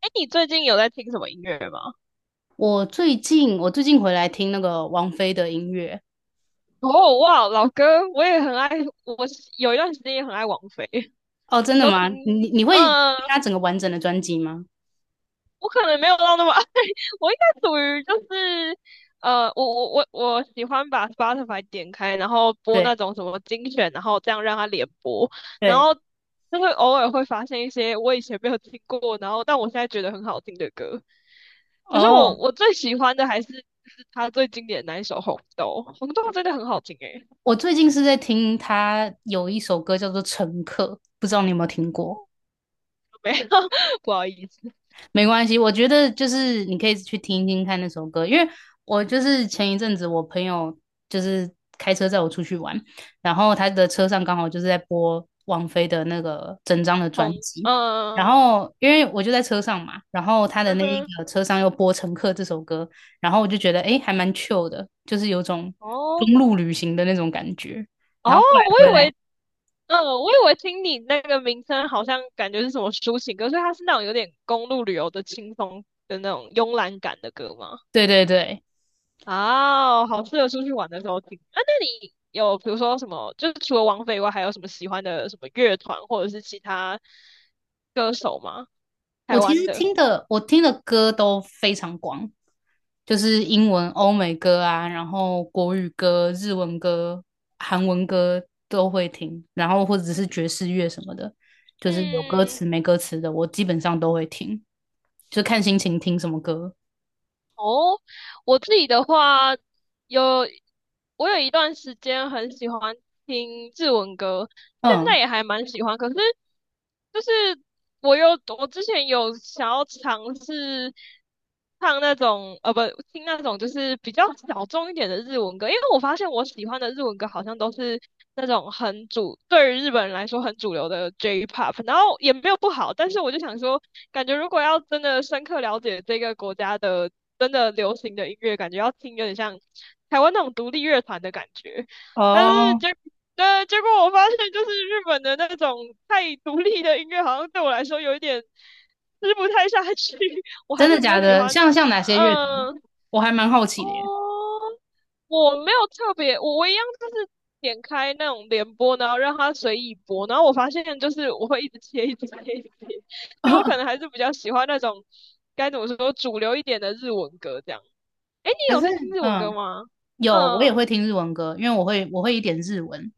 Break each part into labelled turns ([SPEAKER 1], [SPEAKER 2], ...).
[SPEAKER 1] 哎，你最近有在听什么音乐吗？
[SPEAKER 2] 我最近回来听那个王菲的音乐。
[SPEAKER 1] 哦，哇，老哥，我也很爱，我是有一段时间也很爱王菲。
[SPEAKER 2] 哦，真
[SPEAKER 1] 你
[SPEAKER 2] 的
[SPEAKER 1] 都
[SPEAKER 2] 吗？
[SPEAKER 1] 听？
[SPEAKER 2] 你会听
[SPEAKER 1] 嗯，
[SPEAKER 2] 她整个完整的专辑吗？
[SPEAKER 1] 我可能没有到那么爱，我应该属于就是，我喜欢把 Spotify 点开，然后播那
[SPEAKER 2] 对
[SPEAKER 1] 种什么精选，然后这样让它连播，然
[SPEAKER 2] 对。
[SPEAKER 1] 后就会偶尔会发现一些我以前没有听过，然后但我现在觉得很好听的歌。可是
[SPEAKER 2] 哦，
[SPEAKER 1] 我最喜欢的还是就是他最经典的那一首《红豆》，《红豆》真的很好听诶。
[SPEAKER 2] 我最近是在听她有一首歌叫做《乘客》，不知道你有没有听过？
[SPEAKER 1] 没有，不好意思，
[SPEAKER 2] 没关系，我觉得就是你可以去听听看那首歌，因为我就是前一阵子我朋友就是开车载我出去玩，然后他的车上刚好就是在播王菲的那个整张的专
[SPEAKER 1] 红，
[SPEAKER 2] 辑，然
[SPEAKER 1] 嗯
[SPEAKER 2] 后因为我就在车上嘛，然后他的
[SPEAKER 1] 嗯
[SPEAKER 2] 那一
[SPEAKER 1] 哼，
[SPEAKER 2] 个车上又播《乘客》这首歌，然后我就觉得诶还蛮 chill 的，就是有种
[SPEAKER 1] 哦
[SPEAKER 2] 公路旅行的那种感觉，
[SPEAKER 1] 哦，
[SPEAKER 2] 然后后来
[SPEAKER 1] 我
[SPEAKER 2] 回
[SPEAKER 1] 以
[SPEAKER 2] 来，
[SPEAKER 1] 为，嗯，我以为听你那个名称好像感觉是什么抒情歌，所以它是那种有点公路旅游的轻松的那种慵懒感的歌吗？
[SPEAKER 2] 对对对，
[SPEAKER 1] 啊，好适合出去玩的时候听。啊，那你有比如说什么，就是除了王菲以外，还有什么喜欢的什么乐团或者是其他歌手吗？
[SPEAKER 2] 我
[SPEAKER 1] 台
[SPEAKER 2] 其
[SPEAKER 1] 湾
[SPEAKER 2] 实
[SPEAKER 1] 的？
[SPEAKER 2] 听的我听的歌都非常广，就是英文、欧美歌啊，然后国语歌、日文歌、韩文歌都会听，然后或者是爵士乐什么的，就是有歌
[SPEAKER 1] 嗯，
[SPEAKER 2] 词没歌词的，我基本上都会听，就看心情听什么歌。
[SPEAKER 1] 哦，我自己的话，有我有一段时间很喜欢听日文歌，现在
[SPEAKER 2] 嗯，
[SPEAKER 1] 也还蛮喜欢。可是就是我有我之前有想要尝试唱那种不听那种就是比较小众一点的日文歌，因为我发现我喜欢的日文歌好像都是那种对于日本人来说很主流的 J-pop，然后也没有不好，但是我就想说。感觉如果要真的深刻了解这个国家的真的流行的音乐，感觉要听有点像台湾那种独立乐团的感觉。但是
[SPEAKER 2] 哦，
[SPEAKER 1] 结果我发现就是日本的那种太独立的音乐，好像对我来说有一点吃不太下去。我
[SPEAKER 2] 真
[SPEAKER 1] 还是
[SPEAKER 2] 的
[SPEAKER 1] 比
[SPEAKER 2] 假
[SPEAKER 1] 较喜
[SPEAKER 2] 的？
[SPEAKER 1] 欢，
[SPEAKER 2] 像哪些乐团？
[SPEAKER 1] 嗯、
[SPEAKER 2] 我还蛮好奇的耶。
[SPEAKER 1] 哦，我没有特别，我一样就是点开那种联播，然后让它随意播，然后我发现就是我会一直切，一直切，一直切，所以我可能 还是比较喜欢那种该怎么说主流一点的日文歌这样。诶，你
[SPEAKER 2] 可
[SPEAKER 1] 有
[SPEAKER 2] 是，
[SPEAKER 1] 在听日文歌
[SPEAKER 2] 嗯，
[SPEAKER 1] 吗？
[SPEAKER 2] 有我也会
[SPEAKER 1] 嗯，
[SPEAKER 2] 听日文歌，因为我会一点日文，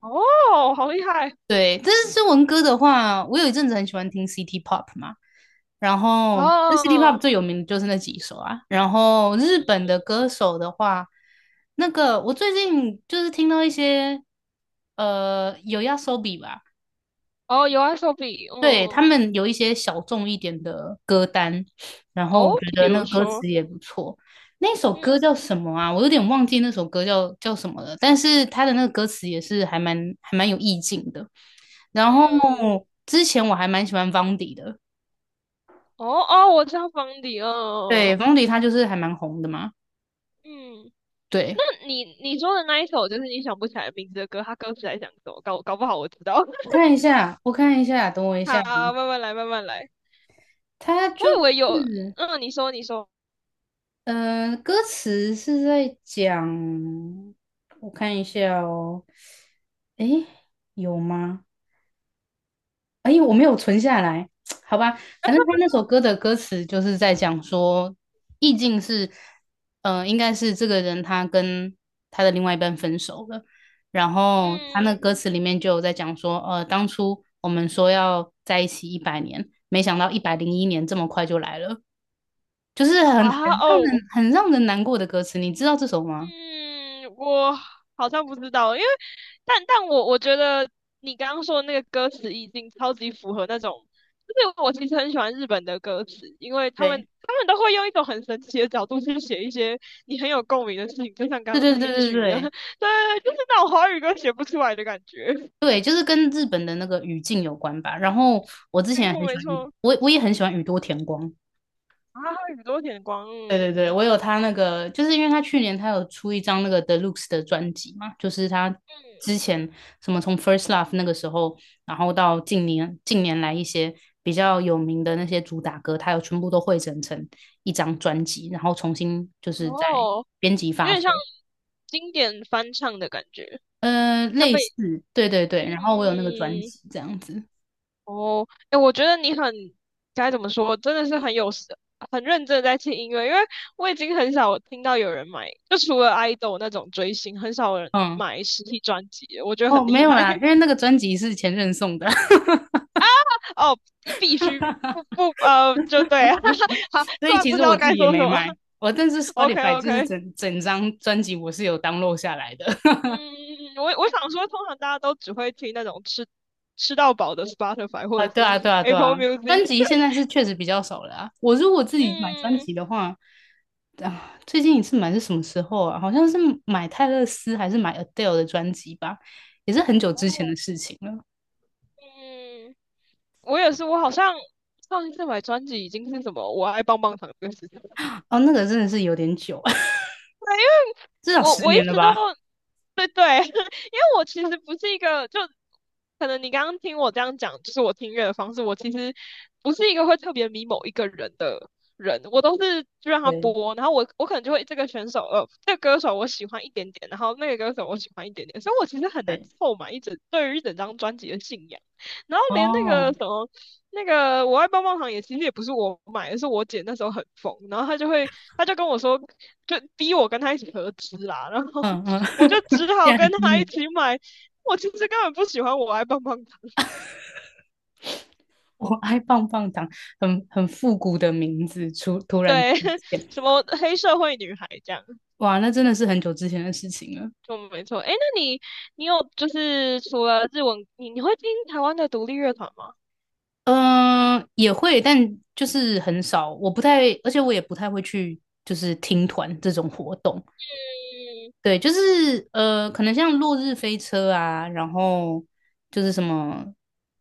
[SPEAKER 1] 哦，好厉害，
[SPEAKER 2] 对，但是中文歌的话，我有一阵子很喜欢听 City Pop 嘛，然后那 City Pop
[SPEAKER 1] 哦
[SPEAKER 2] 最有名的就是那几首啊。然后日本的歌手的话，那个我最近就是听到一些有 YOASOBI 吧，
[SPEAKER 1] 哦有 s o b
[SPEAKER 2] 对，他
[SPEAKER 1] 嗯，
[SPEAKER 2] 们有一些小众一点的歌单，然后我觉
[SPEAKER 1] 哦，比
[SPEAKER 2] 得那
[SPEAKER 1] 如
[SPEAKER 2] 个歌词
[SPEAKER 1] 说，
[SPEAKER 2] 也不错。那首
[SPEAKER 1] 嗯
[SPEAKER 2] 歌叫什么啊？我有点忘记那首歌叫什么了，但是他的那个歌词也是还蛮有意境的。然后
[SPEAKER 1] 嗯，
[SPEAKER 2] 之前我还蛮喜欢方迪的，
[SPEAKER 1] 哦哦，我知道方迪，嗯
[SPEAKER 2] 对，方迪他就是还蛮红的嘛。
[SPEAKER 1] 嗯。
[SPEAKER 2] 对，
[SPEAKER 1] 那你说的那一首，就是你想不起来名字的歌，它歌词在讲什么？搞不好我知道。
[SPEAKER 2] 我 看一下，我看一下，等我一下，
[SPEAKER 1] 好，慢慢来，慢慢来。
[SPEAKER 2] 他
[SPEAKER 1] 我
[SPEAKER 2] 就
[SPEAKER 1] 以为有，
[SPEAKER 2] 是。
[SPEAKER 1] 嗯，你说，你说，
[SPEAKER 2] 歌词是在讲，我看一下哦，诶，有吗？诶，我没有存下来，好吧，反正他那首歌的歌词就是在讲说，意境是，应该是这个人他跟他的另外一半分手了，然后他那
[SPEAKER 1] 嗯，
[SPEAKER 2] 歌词里面就有在讲说，当初我们说要在一起100年，没想到101年这么快就来了。就是很
[SPEAKER 1] 啊，
[SPEAKER 2] 让
[SPEAKER 1] 哦，
[SPEAKER 2] 人很让人难过的歌词，你知道这首吗？
[SPEAKER 1] 嗯，我好像不知道，因为但我觉得你刚刚说的那个歌词已经超级符合那种，就是我其实很喜欢日本的歌词，因为他们
[SPEAKER 2] 对，
[SPEAKER 1] 他们都会用一种很神奇的角度去写一些你很有共鸣的事情，就像刚
[SPEAKER 2] 对
[SPEAKER 1] 刚
[SPEAKER 2] 对
[SPEAKER 1] 那
[SPEAKER 2] 对
[SPEAKER 1] 一
[SPEAKER 2] 对
[SPEAKER 1] 句一样，
[SPEAKER 2] 对
[SPEAKER 1] 对，就是那种华语歌写不出来的感觉。
[SPEAKER 2] 对，就是跟日本的那个语境有关吧。然后
[SPEAKER 1] 没错没错，
[SPEAKER 2] 我我也很喜欢宇多田光。
[SPEAKER 1] 啊，宇多田光，
[SPEAKER 2] 对对
[SPEAKER 1] 嗯
[SPEAKER 2] 对，我有他那个，就是因为他去年他有出一张那个 THE LUXE 的专辑嘛，就是他之前什么从 First Love 那个时候，然后到近年来一些比较有名的那些主打歌，他有全部都汇整成一张专辑，然后重新就
[SPEAKER 1] 嗯，
[SPEAKER 2] 是在
[SPEAKER 1] 哦，
[SPEAKER 2] 编辑
[SPEAKER 1] 有
[SPEAKER 2] 发
[SPEAKER 1] 点像
[SPEAKER 2] 售。
[SPEAKER 1] 经典翻唱的感觉，他
[SPEAKER 2] 类
[SPEAKER 1] 们
[SPEAKER 2] 似，对对
[SPEAKER 1] 嗯。
[SPEAKER 2] 对，然后我有那个专
[SPEAKER 1] 嗯嗯
[SPEAKER 2] 辑这样子，
[SPEAKER 1] 哦，哎，我觉得你很该怎么说，真的是很有时很认真地在听音乐，因为我已经很少听到有人买，就除了 idol 那种追星，很少人
[SPEAKER 2] 嗯，
[SPEAKER 1] 买实体专辑了我觉得
[SPEAKER 2] 哦，
[SPEAKER 1] 很
[SPEAKER 2] 没
[SPEAKER 1] 厉
[SPEAKER 2] 有
[SPEAKER 1] 害
[SPEAKER 2] 啦，因为那个专辑是前任送的，
[SPEAKER 1] 哦，你必须不 不就对，好，
[SPEAKER 2] 所
[SPEAKER 1] 突
[SPEAKER 2] 以
[SPEAKER 1] 然
[SPEAKER 2] 其
[SPEAKER 1] 不
[SPEAKER 2] 实
[SPEAKER 1] 知
[SPEAKER 2] 我
[SPEAKER 1] 道
[SPEAKER 2] 自
[SPEAKER 1] 该
[SPEAKER 2] 己也
[SPEAKER 1] 说什
[SPEAKER 2] 没
[SPEAKER 1] 么
[SPEAKER 2] 买，我但是
[SPEAKER 1] ，OK
[SPEAKER 2] Spotify 就是
[SPEAKER 1] OK，
[SPEAKER 2] 整整张专辑我是有 download 下来的，
[SPEAKER 1] 嗯，我想说，通常大家都只会听那种吃到饱的 Spotify
[SPEAKER 2] 啊，
[SPEAKER 1] 或者
[SPEAKER 2] 对
[SPEAKER 1] 是
[SPEAKER 2] 啊，对啊，对
[SPEAKER 1] Apple
[SPEAKER 2] 啊，专
[SPEAKER 1] Music，
[SPEAKER 2] 辑现在是确实比较少了啊，我如果自 己买专
[SPEAKER 1] 嗯
[SPEAKER 2] 辑的话，啊，最近一次买是什么时候啊？好像是买泰勒斯还是买 Adele 的专辑吧，也是很久之前的事情了，
[SPEAKER 1] 嗯。我也是，我好像上一次买专辑已经是什么"我爱棒棒糖"这个事情，
[SPEAKER 2] 哦，那个真的是有点久，至少
[SPEAKER 1] 我
[SPEAKER 2] 十
[SPEAKER 1] 我一
[SPEAKER 2] 年了
[SPEAKER 1] 直都
[SPEAKER 2] 吧。
[SPEAKER 1] 对对，因为我其实不是一个，就可能你刚刚听我这样讲，就是我听乐的方式，我其实不是一个会特别迷某一个人的人，我都是就让他
[SPEAKER 2] 对
[SPEAKER 1] 播，然后我可能就会这个选手呃，这个歌手我喜欢一点点，然后那个歌手我喜欢一点点，所以我其实很难
[SPEAKER 2] 对，
[SPEAKER 1] 凑满对于一整张专辑的信仰，然后连那个
[SPEAKER 2] 哦，
[SPEAKER 1] 什么。那个我爱棒棒糖也其实也不是我买的，是我姐那时候很疯，然后她就跟我说，就逼我跟他一起合资啦，然后
[SPEAKER 2] 嗯嗯，
[SPEAKER 1] 我就只
[SPEAKER 2] 竟
[SPEAKER 1] 好
[SPEAKER 2] 然还
[SPEAKER 1] 跟
[SPEAKER 2] 逼
[SPEAKER 1] 他一
[SPEAKER 2] 你，
[SPEAKER 1] 起买。我其实根本不喜欢我爱帮棒糖，
[SPEAKER 2] 我爱棒棒糖，很很复古的名字出突 然出
[SPEAKER 1] 对，
[SPEAKER 2] 现，
[SPEAKER 1] 什么黑社会女孩这样，
[SPEAKER 2] 哇，那真的是很久之前的事情了。
[SPEAKER 1] 就没错。哎，那你有就是除了日文，你会听台湾的独立乐团吗？
[SPEAKER 2] 嗯、也会，但就是很少，我不太，而且我也不太会去，就是听团这种活动，
[SPEAKER 1] 嗯，
[SPEAKER 2] 对，就是可能像《落日飞车》啊，然后就是什么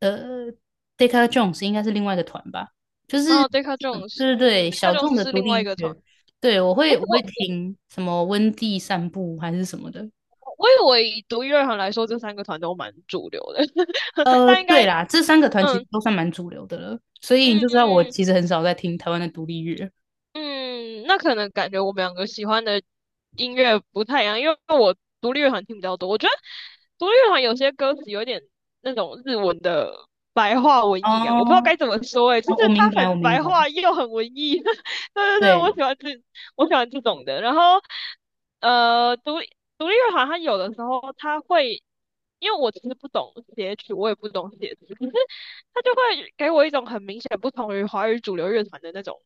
[SPEAKER 2] 呃，Decca Jones 应该是另外一个团吧，就
[SPEAKER 1] 然
[SPEAKER 2] 是
[SPEAKER 1] 后 Deca
[SPEAKER 2] 这种
[SPEAKER 1] Jones，
[SPEAKER 2] 对对
[SPEAKER 1] 嗯
[SPEAKER 2] 对，小
[SPEAKER 1] ，Deca
[SPEAKER 2] 众
[SPEAKER 1] Jones
[SPEAKER 2] 的
[SPEAKER 1] 是
[SPEAKER 2] 独
[SPEAKER 1] 另
[SPEAKER 2] 立
[SPEAKER 1] 外一
[SPEAKER 2] 音
[SPEAKER 1] 个团。
[SPEAKER 2] 乐，对我
[SPEAKER 1] 哎，
[SPEAKER 2] 会我
[SPEAKER 1] 我
[SPEAKER 2] 会听什么温蒂散步还是什么的，
[SPEAKER 1] 我以为以独立乐团来说，这三个团都蛮主流的，但应
[SPEAKER 2] 对
[SPEAKER 1] 该，
[SPEAKER 2] 啦，这三个团其实
[SPEAKER 1] 嗯
[SPEAKER 2] 都算蛮主流的了，所以你
[SPEAKER 1] 嗯
[SPEAKER 2] 就知道我
[SPEAKER 1] 嗯。
[SPEAKER 2] 其实很少在听台湾的独立乐。
[SPEAKER 1] 嗯，那可能感觉我们两个喜欢的音乐不太一样，因为我独立乐团听比较多。我觉得独立乐团有些歌词有点那种日文的白话文艺感，我不知道
[SPEAKER 2] 哦，
[SPEAKER 1] 该怎么说诶、
[SPEAKER 2] 我
[SPEAKER 1] 就是
[SPEAKER 2] 我
[SPEAKER 1] 它
[SPEAKER 2] 明白，
[SPEAKER 1] 很
[SPEAKER 2] 我明
[SPEAKER 1] 白
[SPEAKER 2] 白，
[SPEAKER 1] 话又很文艺。对对对，
[SPEAKER 2] 对。
[SPEAKER 1] 我喜欢这种的。然后呃，独立独立乐团它有的时候它会，因为我其实不懂写曲，我也不懂写词，可是它就会给我一种很明显不同于华语主流乐团的那种。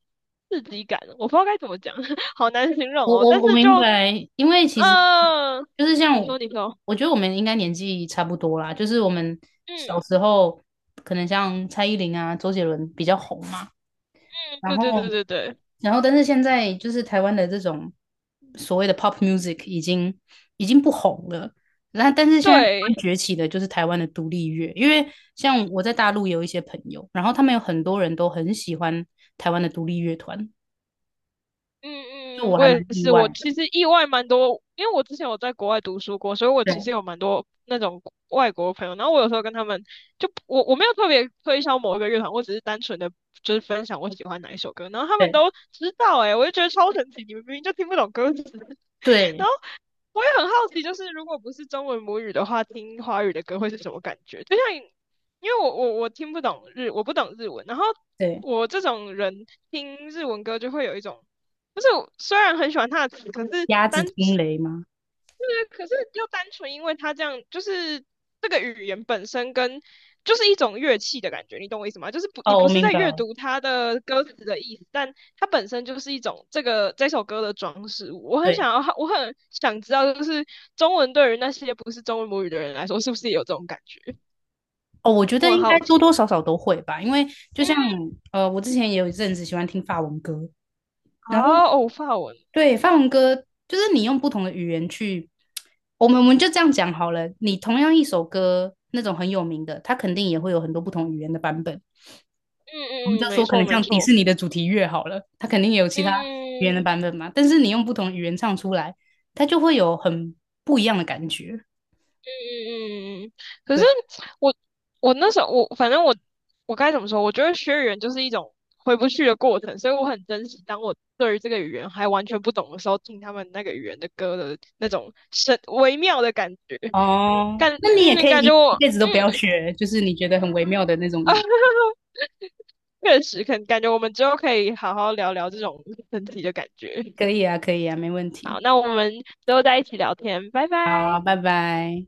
[SPEAKER 1] 刺激感，我不知道该怎么讲，好难形容
[SPEAKER 2] 我
[SPEAKER 1] 哦。
[SPEAKER 2] 我
[SPEAKER 1] 但
[SPEAKER 2] 我
[SPEAKER 1] 是
[SPEAKER 2] 明
[SPEAKER 1] 就，
[SPEAKER 2] 白，因为其实
[SPEAKER 1] 嗯、
[SPEAKER 2] 就是像
[SPEAKER 1] 你
[SPEAKER 2] 我，
[SPEAKER 1] 说，你说，
[SPEAKER 2] 我觉得我们应该年纪差不多啦，就是我们小
[SPEAKER 1] 嗯
[SPEAKER 2] 时候可能像蔡依林啊、周杰伦比较红嘛，
[SPEAKER 1] 嗯，
[SPEAKER 2] 然
[SPEAKER 1] 对
[SPEAKER 2] 后
[SPEAKER 1] 对对对对
[SPEAKER 2] 然后但是现在就是台湾的这种所谓的 pop music 已经不红了，那但是现在台湾
[SPEAKER 1] 对，
[SPEAKER 2] 崛起的就是台湾的独立乐，因为像我在大陆有一些朋友，然后他们有很多人都很喜欢台湾的独立乐团，就
[SPEAKER 1] 嗯嗯，
[SPEAKER 2] 我
[SPEAKER 1] 我
[SPEAKER 2] 还蛮
[SPEAKER 1] 也
[SPEAKER 2] 意
[SPEAKER 1] 是，我
[SPEAKER 2] 外，
[SPEAKER 1] 其实意外蛮多，因为我之前有在国外读书过，所以我其实
[SPEAKER 2] 对
[SPEAKER 1] 有蛮多那种外国朋友。然后我有时候跟他们，就我没有特别推销某一个乐团，我只是单纯的就是分享我喜欢哪一首歌，然后他们
[SPEAKER 2] 对。
[SPEAKER 1] 都知道、欸，诶，我就觉得超神奇，你们明明就听不懂歌词。然
[SPEAKER 2] 对
[SPEAKER 1] 后。我也很好奇，就是如果不是中文母语的话，听华语的歌会是什么感觉？就像你因为我听不懂日，我不懂日文，然后
[SPEAKER 2] 对，
[SPEAKER 1] 我这种人听日文歌就会有一种，就是我虽然很喜欢它的词，可是
[SPEAKER 2] 鸭子
[SPEAKER 1] 单
[SPEAKER 2] 听雷吗？
[SPEAKER 1] 对，可是又单纯因为它这样，就是这个语言本身跟就是一种乐器的感觉，你懂我意思吗？就是不，你
[SPEAKER 2] 哦，我
[SPEAKER 1] 不是
[SPEAKER 2] 明
[SPEAKER 1] 在
[SPEAKER 2] 白
[SPEAKER 1] 阅
[SPEAKER 2] 了。
[SPEAKER 1] 读它的歌词的意思，但它本身就是一种这首歌的装饰物。我很
[SPEAKER 2] 对，
[SPEAKER 1] 想要，我很想知道，就是中文对于那些不是中文母语的人来说，是不是也有这种感觉？
[SPEAKER 2] 哦，我觉
[SPEAKER 1] 我
[SPEAKER 2] 得
[SPEAKER 1] 很
[SPEAKER 2] 应该
[SPEAKER 1] 好
[SPEAKER 2] 多
[SPEAKER 1] 奇。
[SPEAKER 2] 多少少都会吧，因为就
[SPEAKER 1] 嗯，
[SPEAKER 2] 像我之前也有一阵子喜欢听法文歌，
[SPEAKER 1] 好，
[SPEAKER 2] 然后
[SPEAKER 1] 哦，法文。
[SPEAKER 2] 对法文歌就是你用不同的语言去，我们就这样讲好了。你同样一首歌，那种很有名的，它肯定也会有很多不同语言的版本。我们就
[SPEAKER 1] 嗯嗯嗯，没
[SPEAKER 2] 说可
[SPEAKER 1] 错
[SPEAKER 2] 能
[SPEAKER 1] 没
[SPEAKER 2] 像迪
[SPEAKER 1] 错。
[SPEAKER 2] 士尼的主题乐好了，它肯定也有其
[SPEAKER 1] 嗯。
[SPEAKER 2] 他语言
[SPEAKER 1] 嗯
[SPEAKER 2] 的
[SPEAKER 1] 嗯
[SPEAKER 2] 版本嘛。但是你用不同语言唱出来，它就会有很不一样的感觉。
[SPEAKER 1] 嗯，嗯嗯可是
[SPEAKER 2] 对。
[SPEAKER 1] 我我那时候我反正我该怎么说？我觉得学语言就是一种回不去的过程，所以我很珍惜当我对于这个语言还完全不懂的时候，听他们那个语言的歌的那种微妙的感觉，
[SPEAKER 2] 哦，
[SPEAKER 1] 感
[SPEAKER 2] 那你也可以
[SPEAKER 1] 感
[SPEAKER 2] 一
[SPEAKER 1] 觉我
[SPEAKER 2] 一辈子都不要学，就是你觉得很微妙的那种语言
[SPEAKER 1] 啊确实，可能感觉我们之后可以好好聊聊这种神体的感觉。
[SPEAKER 2] 可以啊，可以啊，没问
[SPEAKER 1] 好，
[SPEAKER 2] 题。
[SPEAKER 1] 那我们之后再一起聊天，拜拜。
[SPEAKER 2] 好，拜拜。